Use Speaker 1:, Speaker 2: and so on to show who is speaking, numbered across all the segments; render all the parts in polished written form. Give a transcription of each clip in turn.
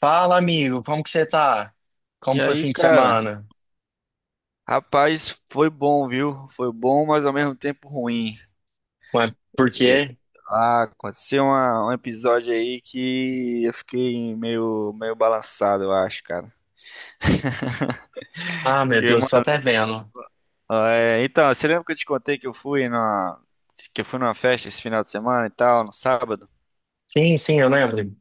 Speaker 1: Fala, amigo, como que você tá?
Speaker 2: E
Speaker 1: Como foi o
Speaker 2: aí,
Speaker 1: fim de
Speaker 2: cara,
Speaker 1: semana?
Speaker 2: rapaz, foi bom, viu? Foi bom, mas ao mesmo tempo ruim.
Speaker 1: Ué, por
Speaker 2: É,
Speaker 1: quê?
Speaker 2: aconteceu um episódio aí que eu fiquei meio balançado, eu acho, cara.
Speaker 1: Ah, meu
Speaker 2: Que,
Speaker 1: Deus, tô
Speaker 2: mano,
Speaker 1: até vendo.
Speaker 2: então, você lembra que eu te contei que eu fui numa festa esse final de semana e tal, no sábado?
Speaker 1: Sim, sim, eu lembro.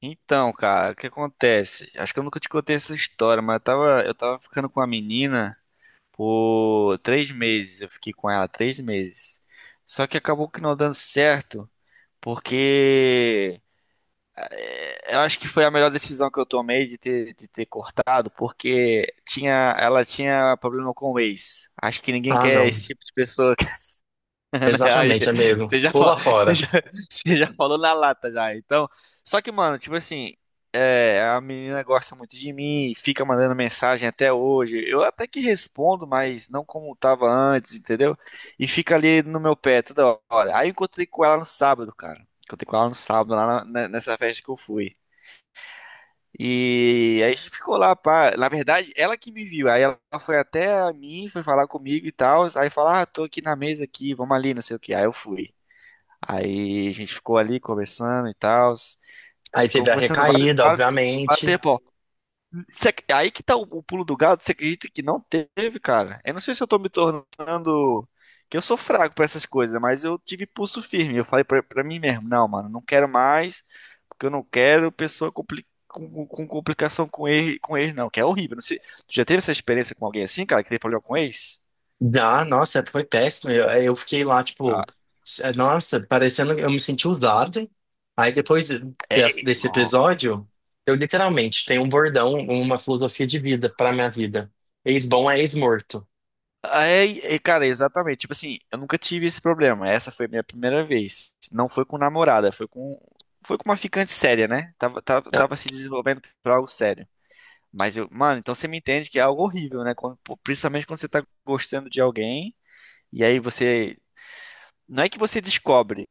Speaker 2: Então, cara, o que acontece? Acho que eu nunca te contei essa história, mas eu tava ficando com a menina por 3 meses. Eu fiquei com ela 3 meses. Só que acabou que não dando certo. Porque eu acho que foi a melhor decisão que eu tomei de ter, cortado, porque ela tinha problema com o ex. Acho que ninguém
Speaker 1: Ah,
Speaker 2: quer
Speaker 1: não.
Speaker 2: esse tipo de pessoa, né? Aí,
Speaker 1: Exatamente, amigo.
Speaker 2: você já, fa-
Speaker 1: Pula
Speaker 2: você
Speaker 1: fora.
Speaker 2: já, você já falou na lata já. Então, só que, mano, tipo assim, a menina gosta muito de mim, fica mandando mensagem até hoje. Eu até que respondo, mas não como tava antes, entendeu? E fica ali no meu pé toda hora. Aí eu encontrei com ela no sábado, cara. Encontrei com ela no sábado, lá nessa festa que eu fui. E aí a gente ficou lá, pá. Na verdade, ela que me viu. Aí ela foi até a mim, foi falar comigo e tal. Aí falar, ah, tô aqui na mesa aqui, vamos ali, não sei o que. Aí eu fui. Aí a gente ficou ali conversando e tal.
Speaker 1: Aí
Speaker 2: Ficou
Speaker 1: teve a
Speaker 2: conversando vários,
Speaker 1: recaída,
Speaker 2: vários, vários
Speaker 1: obviamente.
Speaker 2: tempo, ó. Aí que tá o pulo do gato, você acredita que não teve, cara? Eu não sei se eu tô me tornando. Que eu sou fraco pra essas coisas, mas eu tive pulso firme. Eu falei pra mim mesmo: não, mano, não quero mais, porque eu não quero pessoa com complicação com com ex, não, que é horrível. Não sei, tu já teve essa experiência com alguém assim, cara, que tem problema com ex?
Speaker 1: Ah, nossa, foi péssimo. Eu fiquei lá, tipo,
Speaker 2: Ah,
Speaker 1: nossa, parecendo que eu me senti usado. Aí depois
Speaker 2: é, é,
Speaker 1: desse episódio, eu literalmente tenho um bordão, uma filosofia de vida pra minha vida. Ex-bom é ex-morto.
Speaker 2: É, cara, exatamente. Tipo assim, eu nunca tive esse problema. Essa foi a minha primeira vez. Não foi com namorada, foi com, uma ficante séria, né? Tava,
Speaker 1: Ah,
Speaker 2: tava se desenvolvendo pra algo sério. Mas eu, mano, então você me entende que é algo horrível, né? Pô, principalmente quando você tá gostando de alguém, e aí você. Não é que você descobre,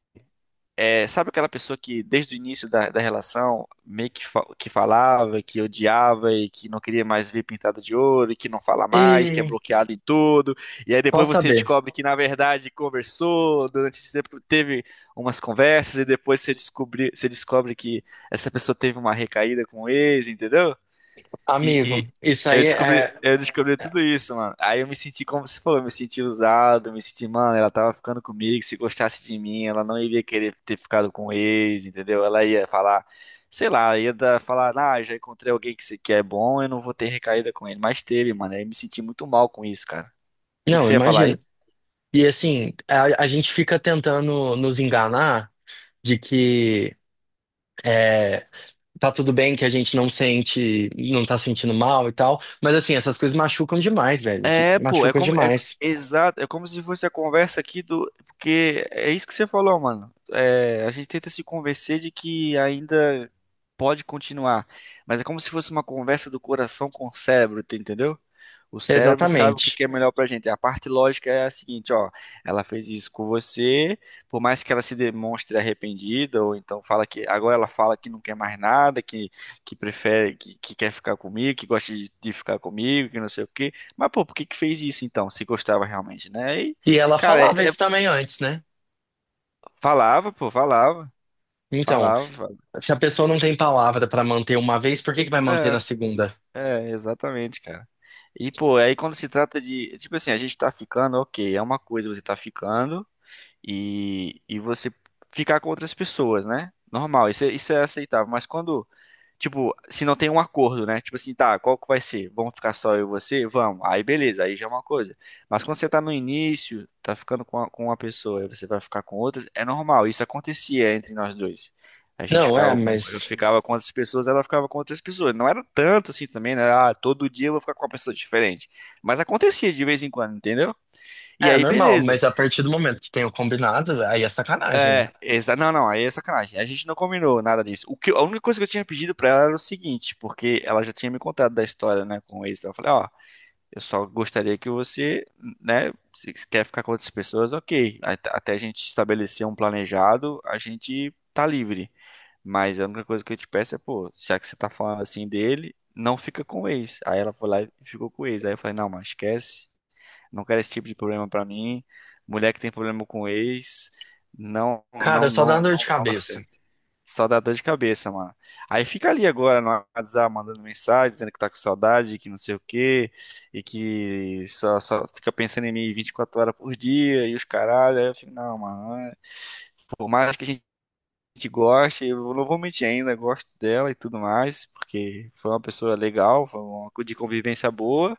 Speaker 2: sabe aquela pessoa que desde o início da relação meio que falava, que odiava e que não queria mais ver pintada de ouro, e que não fala mais, que é
Speaker 1: e
Speaker 2: bloqueado em tudo, e aí depois
Speaker 1: posso
Speaker 2: você
Speaker 1: saber?
Speaker 2: descobre que na verdade conversou, durante esse tempo teve umas conversas e depois você descobre que essa pessoa teve uma recaída com o ex, entendeu?
Speaker 1: Amigo,
Speaker 2: E,
Speaker 1: isso aí é.
Speaker 2: eu descobri
Speaker 1: é-
Speaker 2: tudo isso, mano. Aí eu me senti, como você falou, eu me senti usado, eu me senti, mano, ela tava ficando comigo, se gostasse de mim, ela não iria querer ter ficado com o ex, entendeu? Ela ia falar, sei lá, falar, ah, já encontrei alguém que é bom, eu não vou ter recaída com ele. Mas teve, mano. Aí eu me senti muito mal com isso, cara. O que que
Speaker 1: Não,
Speaker 2: você ia falar aí?
Speaker 1: imagina. E assim, a gente fica tentando nos enganar de que é, tá tudo bem, que a gente não sente, não tá sentindo mal e tal. Mas assim, essas coisas machucam demais, velho.
Speaker 2: É, pô, é
Speaker 1: Machucam
Speaker 2: como é
Speaker 1: demais.
Speaker 2: exato, é como se fosse a conversa aqui do porque é isso que você falou, mano. É, a gente tenta se convencer de que ainda pode continuar, mas é como se fosse uma conversa do coração com o cérebro, tá, entendeu? O cérebro sabe o que
Speaker 1: Exatamente.
Speaker 2: que é melhor pra gente. A parte lógica é a seguinte, ó, ela fez isso com você, por mais que ela se demonstre arrependida ou então fala que agora ela fala que não quer mais nada, que prefere que quer ficar comigo, que gosta de ficar comigo, que não sei o quê, mas, pô, por que que fez isso então, se gostava realmente, né? E,
Speaker 1: E ela
Speaker 2: cara,
Speaker 1: falava isso também antes, né?
Speaker 2: falava, pô, falava,
Speaker 1: Então.
Speaker 2: falava, falava.
Speaker 1: Se a pessoa não tem palavra pra manter uma vez, por que que vai manter na
Speaker 2: É,
Speaker 1: segunda?
Speaker 2: é, exatamente, cara. E, pô, aí quando se trata de, tipo assim, a gente tá ficando, ok, é uma coisa você tá ficando, e você ficar com outras pessoas, né? Normal, isso, isso é aceitável. Mas quando, tipo, se não tem um acordo, né? Tipo assim, tá, qual que vai ser? Vamos ficar só eu e você? Vamos. Aí beleza, aí já é uma coisa. Mas quando você tá no início, tá ficando com uma pessoa e você vai ficar com outras, é normal. Isso acontecia entre nós dois. A gente
Speaker 1: Não, é,
Speaker 2: eu
Speaker 1: mas.
Speaker 2: ficava com outras pessoas, ela ficava com outras pessoas. Não era tanto assim também, né? Ah, todo dia eu vou ficar com uma pessoa diferente. Mas acontecia de vez em quando, entendeu? E
Speaker 1: É
Speaker 2: aí,
Speaker 1: normal,
Speaker 2: beleza.
Speaker 1: mas a partir do momento que tem o combinado, aí é sacanagem, né?
Speaker 2: Não, não, aí é sacanagem. A gente não combinou nada disso. A única coisa que eu tinha pedido pra ela era o seguinte, porque ela já tinha me contado da história, né, com o ex. Eu falei, ó, eu só gostaria que você, né, se quer ficar com outras pessoas, ok. Até a gente estabelecer um planejado, a gente tá livre. Mas a única coisa que eu te peço é, pô, já que você tá falando assim dele, não fica com o ex. Aí ela foi lá e ficou com o ex. Aí eu falei, não, mas esquece. Não quero esse tipo de problema pra mim. Mulher que tem problema com ex, não, não, não,
Speaker 1: Cara, só dá dor de
Speaker 2: não, não dá
Speaker 1: cabeça.
Speaker 2: certo. Só dá dor de cabeça, mano. Aí fica ali agora no WhatsApp mandando mensagem, dizendo que tá com saudade, que não sei o quê, e que só fica pensando em mim 24 horas por dia e os caralho. Aí eu fico, não, mano. Por mais que a gente goste, eu não vou mentir ainda, gosto dela e tudo mais, porque foi uma pessoa legal, de convivência boa.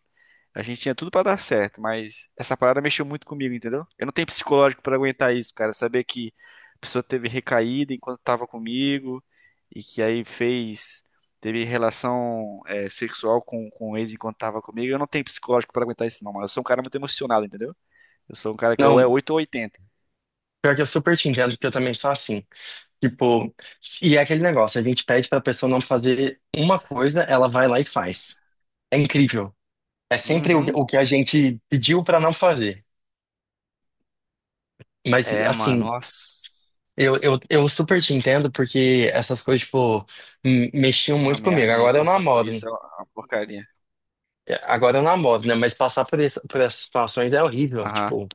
Speaker 2: A gente tinha tudo pra dar certo, mas essa parada mexeu muito comigo, entendeu? Eu não tenho psicológico pra aguentar isso, cara. Saber que a pessoa teve recaída enquanto tava comigo e que aí teve relação sexual com o ex enquanto tava comigo. Eu não tenho psicológico pra aguentar isso, não, mano. Eu sou um cara muito emocionado, entendeu? Eu sou um cara que ou é
Speaker 1: Não,
Speaker 2: oito ou 80.
Speaker 1: pior que eu super te entendo, porque eu também sou assim. Tipo, e é aquele negócio, a gente pede pra pessoa não fazer uma coisa, ela vai lá e faz. É incrível. É sempre
Speaker 2: Uhum.
Speaker 1: o que a gente pediu pra não fazer. Mas,
Speaker 2: É, mano,
Speaker 1: assim,
Speaker 2: nossa.
Speaker 1: eu super te entendo porque essas coisas, tipo, mexiam
Speaker 2: É uma
Speaker 1: muito comigo.
Speaker 2: merda isso,
Speaker 1: Agora eu
Speaker 2: passar por
Speaker 1: namoro.
Speaker 2: isso é uma porcaria.
Speaker 1: Agora eu namoro, né? Mas passar por, por essas situações é horrível,
Speaker 2: Aham.
Speaker 1: tipo.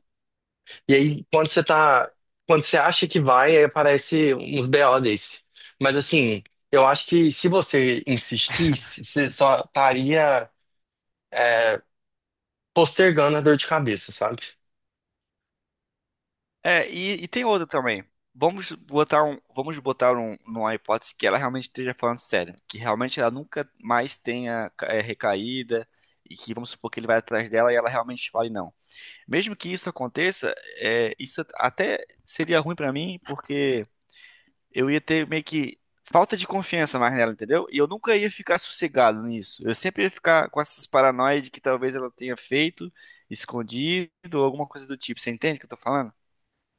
Speaker 1: E aí, quando você tá. Quando você acha que vai, aí aparece uns BO desse. Mas, assim, eu acho que se você insistisse, você só estaria, é, postergando a dor de cabeça, sabe?
Speaker 2: É, e tem outra também. Vamos botar um, numa hipótese que ela realmente esteja falando sério, que realmente ela nunca mais tenha recaída e que vamos supor que ele vai atrás dela e ela realmente fale não. Mesmo que isso aconteça, isso até seria ruim pra mim, porque eu ia ter meio que falta de confiança mais nela, entendeu? E eu nunca ia ficar sossegado nisso. Eu sempre ia ficar com essas paranoias de que talvez ela tenha feito escondido ou alguma coisa do tipo. Você entende o que eu tô falando?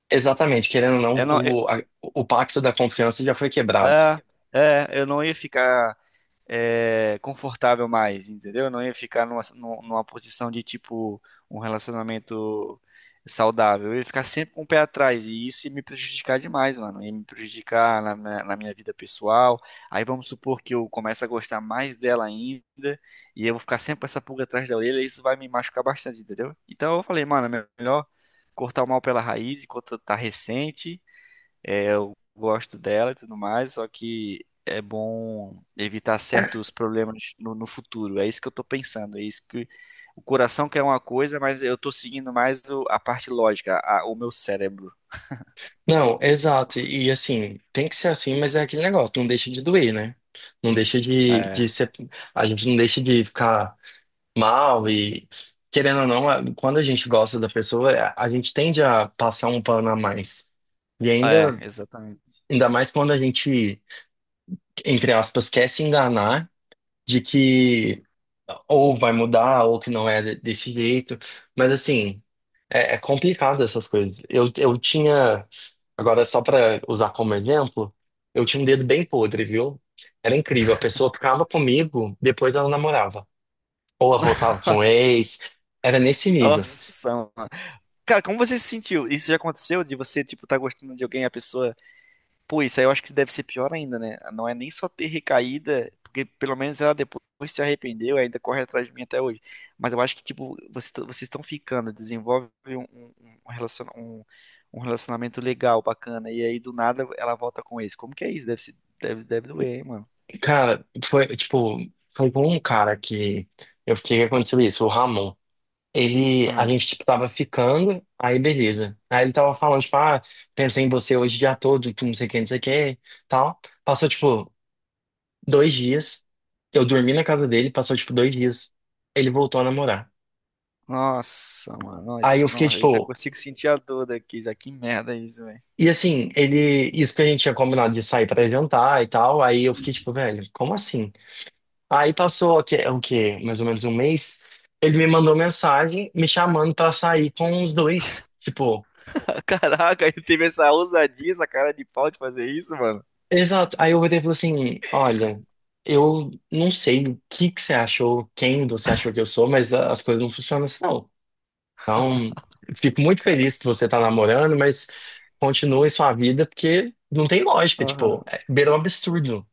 Speaker 1: Exatamente, querendo ou não,
Speaker 2: Eu não,
Speaker 1: o pacto da confiança já foi quebrado.
Speaker 2: É, eu não ia ficar confortável mais, entendeu? Eu não ia ficar numa posição de tipo um relacionamento saudável. Eu ia ficar sempre com o pé atrás e isso ia me prejudicar demais, mano. Ia me prejudicar na minha vida pessoal. Aí vamos supor que eu comece a gostar mais dela ainda e eu vou ficar sempre com essa pulga atrás da orelha e isso vai me machucar bastante, entendeu? Então eu falei, mano, é melhor cortar o mal pela raiz enquanto tá recente, eu gosto dela e tudo mais, só que é bom evitar certos problemas no futuro. É isso que eu tô pensando, é isso que o coração quer uma coisa, mas eu tô seguindo mais a parte lógica, o meu cérebro.
Speaker 1: Não, exato. E assim, tem que ser assim, mas é aquele negócio, não deixa de doer, né? Não deixa
Speaker 2: É,
Speaker 1: de ser. A gente não deixa de ficar. Mal e querendo ou não, quando a gente gosta da pessoa, a gente tende a passar um pano a mais. E
Speaker 2: é,
Speaker 1: ainda,
Speaker 2: exatamente.
Speaker 1: ainda mais quando a gente, entre aspas, quer se enganar de que ou vai mudar ou que não é desse jeito. Mas assim, é complicado essas coisas. Eu tinha, agora só para usar como exemplo, eu tinha um dedo bem podre, viu? Era incrível. A pessoa ficava comigo, depois ela namorava. Ou ela voltava com o ex. Era nesse nível.
Speaker 2: Nossa, mano. Cara, como você se sentiu? Isso já aconteceu de você, tipo, tá gostando de alguém, e a pessoa. Pô, isso aí eu acho que deve ser pior ainda, né? Não é nem só ter recaída, porque pelo menos ela depois se arrependeu e ainda corre atrás de mim até hoje. Mas eu acho que, tipo, vocês estão ficando, desenvolve um relaciona- um- um relacionamento legal, bacana, e aí do nada ela volta com esse. Como que é isso? Deve, se- deve, deve doer, hein, mano?
Speaker 1: Cara, foi, tipo, foi com um cara que eu fiquei que aconteceu isso, o Ramon. Ele, a
Speaker 2: Ah,
Speaker 1: gente, tipo, tava ficando, aí beleza. Aí ele tava falando, tipo, ah, pensei em você hoje o dia todo, que não sei o que, não sei o que, tal. Passou, tipo, dois dias. Eu dormi na casa dele, passou, tipo, dois dias. Ele voltou a namorar.
Speaker 2: nossa, mano,
Speaker 1: Aí
Speaker 2: nossa,
Speaker 1: eu fiquei,
Speaker 2: nossa, eu já
Speaker 1: tipo,
Speaker 2: consigo sentir a dor daqui, já que merda é isso, velho.
Speaker 1: e assim, ele, isso que a gente tinha combinado de sair pra jantar e tal. Aí eu fiquei, tipo, velho, como assim? Aí passou o quê? É o quê? Mais ou menos um mês. Ele me mandou mensagem me chamando pra sair com os dois. Tipo,
Speaker 2: Caraca, ele teve essa ousadia, essa cara de pau de fazer isso, mano.
Speaker 1: exato. Aí eu voltei e falei assim: Olha, eu não sei o que que você achou, quem você achou que eu sou, mas as coisas não funcionam assim, não. Então, fico muito feliz que você tá namorando, mas continue sua vida, porque não tem lógica.
Speaker 2: Aham.
Speaker 1: Tipo, é, beira um absurdo.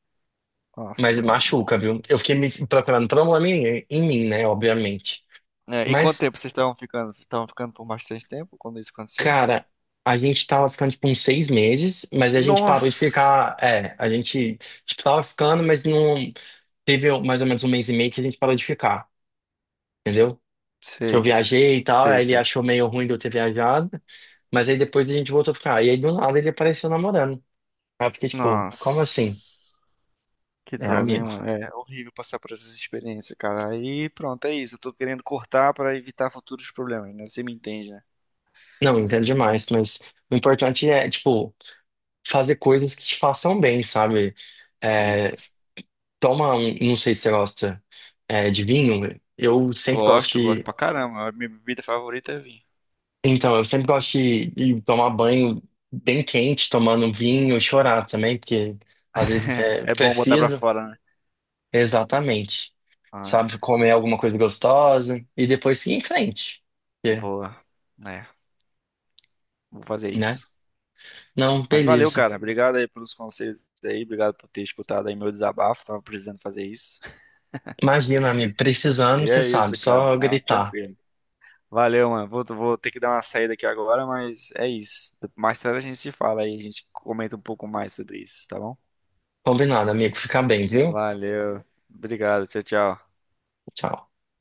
Speaker 1: Mas
Speaker 2: Nossa, mano.
Speaker 1: machuca, viu? Eu fiquei me procurando problema em mim, né? Obviamente.
Speaker 2: É, e quanto
Speaker 1: Mas.
Speaker 2: tempo vocês estavam ficando? Estavam ficando por bastante tempo quando isso aconteceu?
Speaker 1: Cara, a gente tava ficando tipo uns seis meses, mas a gente parou de
Speaker 2: Nossa!
Speaker 1: ficar. É, a gente tipo, tava ficando, mas não teve mais ou menos um mês e meio que a gente parou de ficar, entendeu? Que eu
Speaker 2: Sei,
Speaker 1: viajei e tal,
Speaker 2: sei,
Speaker 1: aí ele
Speaker 2: sei.
Speaker 1: achou meio ruim de eu ter viajado, mas aí depois a gente voltou a ficar. E aí do nada ele apareceu namorando. Aí eu fiquei tipo, como assim?
Speaker 2: Nossa, que
Speaker 1: É
Speaker 2: droga, hein,
Speaker 1: amigo.
Speaker 2: mano? É horrível passar por essas experiências, cara. Aí pronto, é isso. Eu tô querendo cortar pra evitar futuros problemas, né? Você me entende, né?
Speaker 1: Não, entendo demais, mas o importante é, tipo, fazer coisas que te façam bem, sabe?
Speaker 2: Sim.
Speaker 1: É, toma um, não sei se você gosta de vinho, eu sempre gosto
Speaker 2: Gosto, gosto
Speaker 1: de,
Speaker 2: pra caramba. A minha bebida favorita é vinho.
Speaker 1: então, eu sempre gosto de tomar banho bem quente, tomando um vinho, e chorar também, porque às vezes é
Speaker 2: É bom botar pra
Speaker 1: preciso,
Speaker 2: fora, né?
Speaker 1: exatamente,
Speaker 2: Ah,
Speaker 1: sabe, comer alguma coisa gostosa e depois seguir em frente, porque,
Speaker 2: boa. É, vou fazer
Speaker 1: né?
Speaker 2: isso.
Speaker 1: Não,
Speaker 2: Mas valeu,
Speaker 1: beleza.
Speaker 2: cara. Obrigado aí pelos conselhos aí. Obrigado por ter escutado aí meu desabafo. Tava precisando fazer isso.
Speaker 1: Imagina, amigo, precisando,
Speaker 2: E
Speaker 1: você
Speaker 2: é
Speaker 1: sabe,
Speaker 2: isso, cara.
Speaker 1: só
Speaker 2: Não,
Speaker 1: gritar.
Speaker 2: tranquilo. Valeu, mano. Vou ter que dar uma saída aqui agora, mas é isso. Mais tarde a gente se fala aí, a gente comenta um pouco mais sobre isso, tá bom?
Speaker 1: Combinado, amigo, fica bem, viu?
Speaker 2: Valeu. Obrigado. Tchau, tchau.
Speaker 1: Tchau.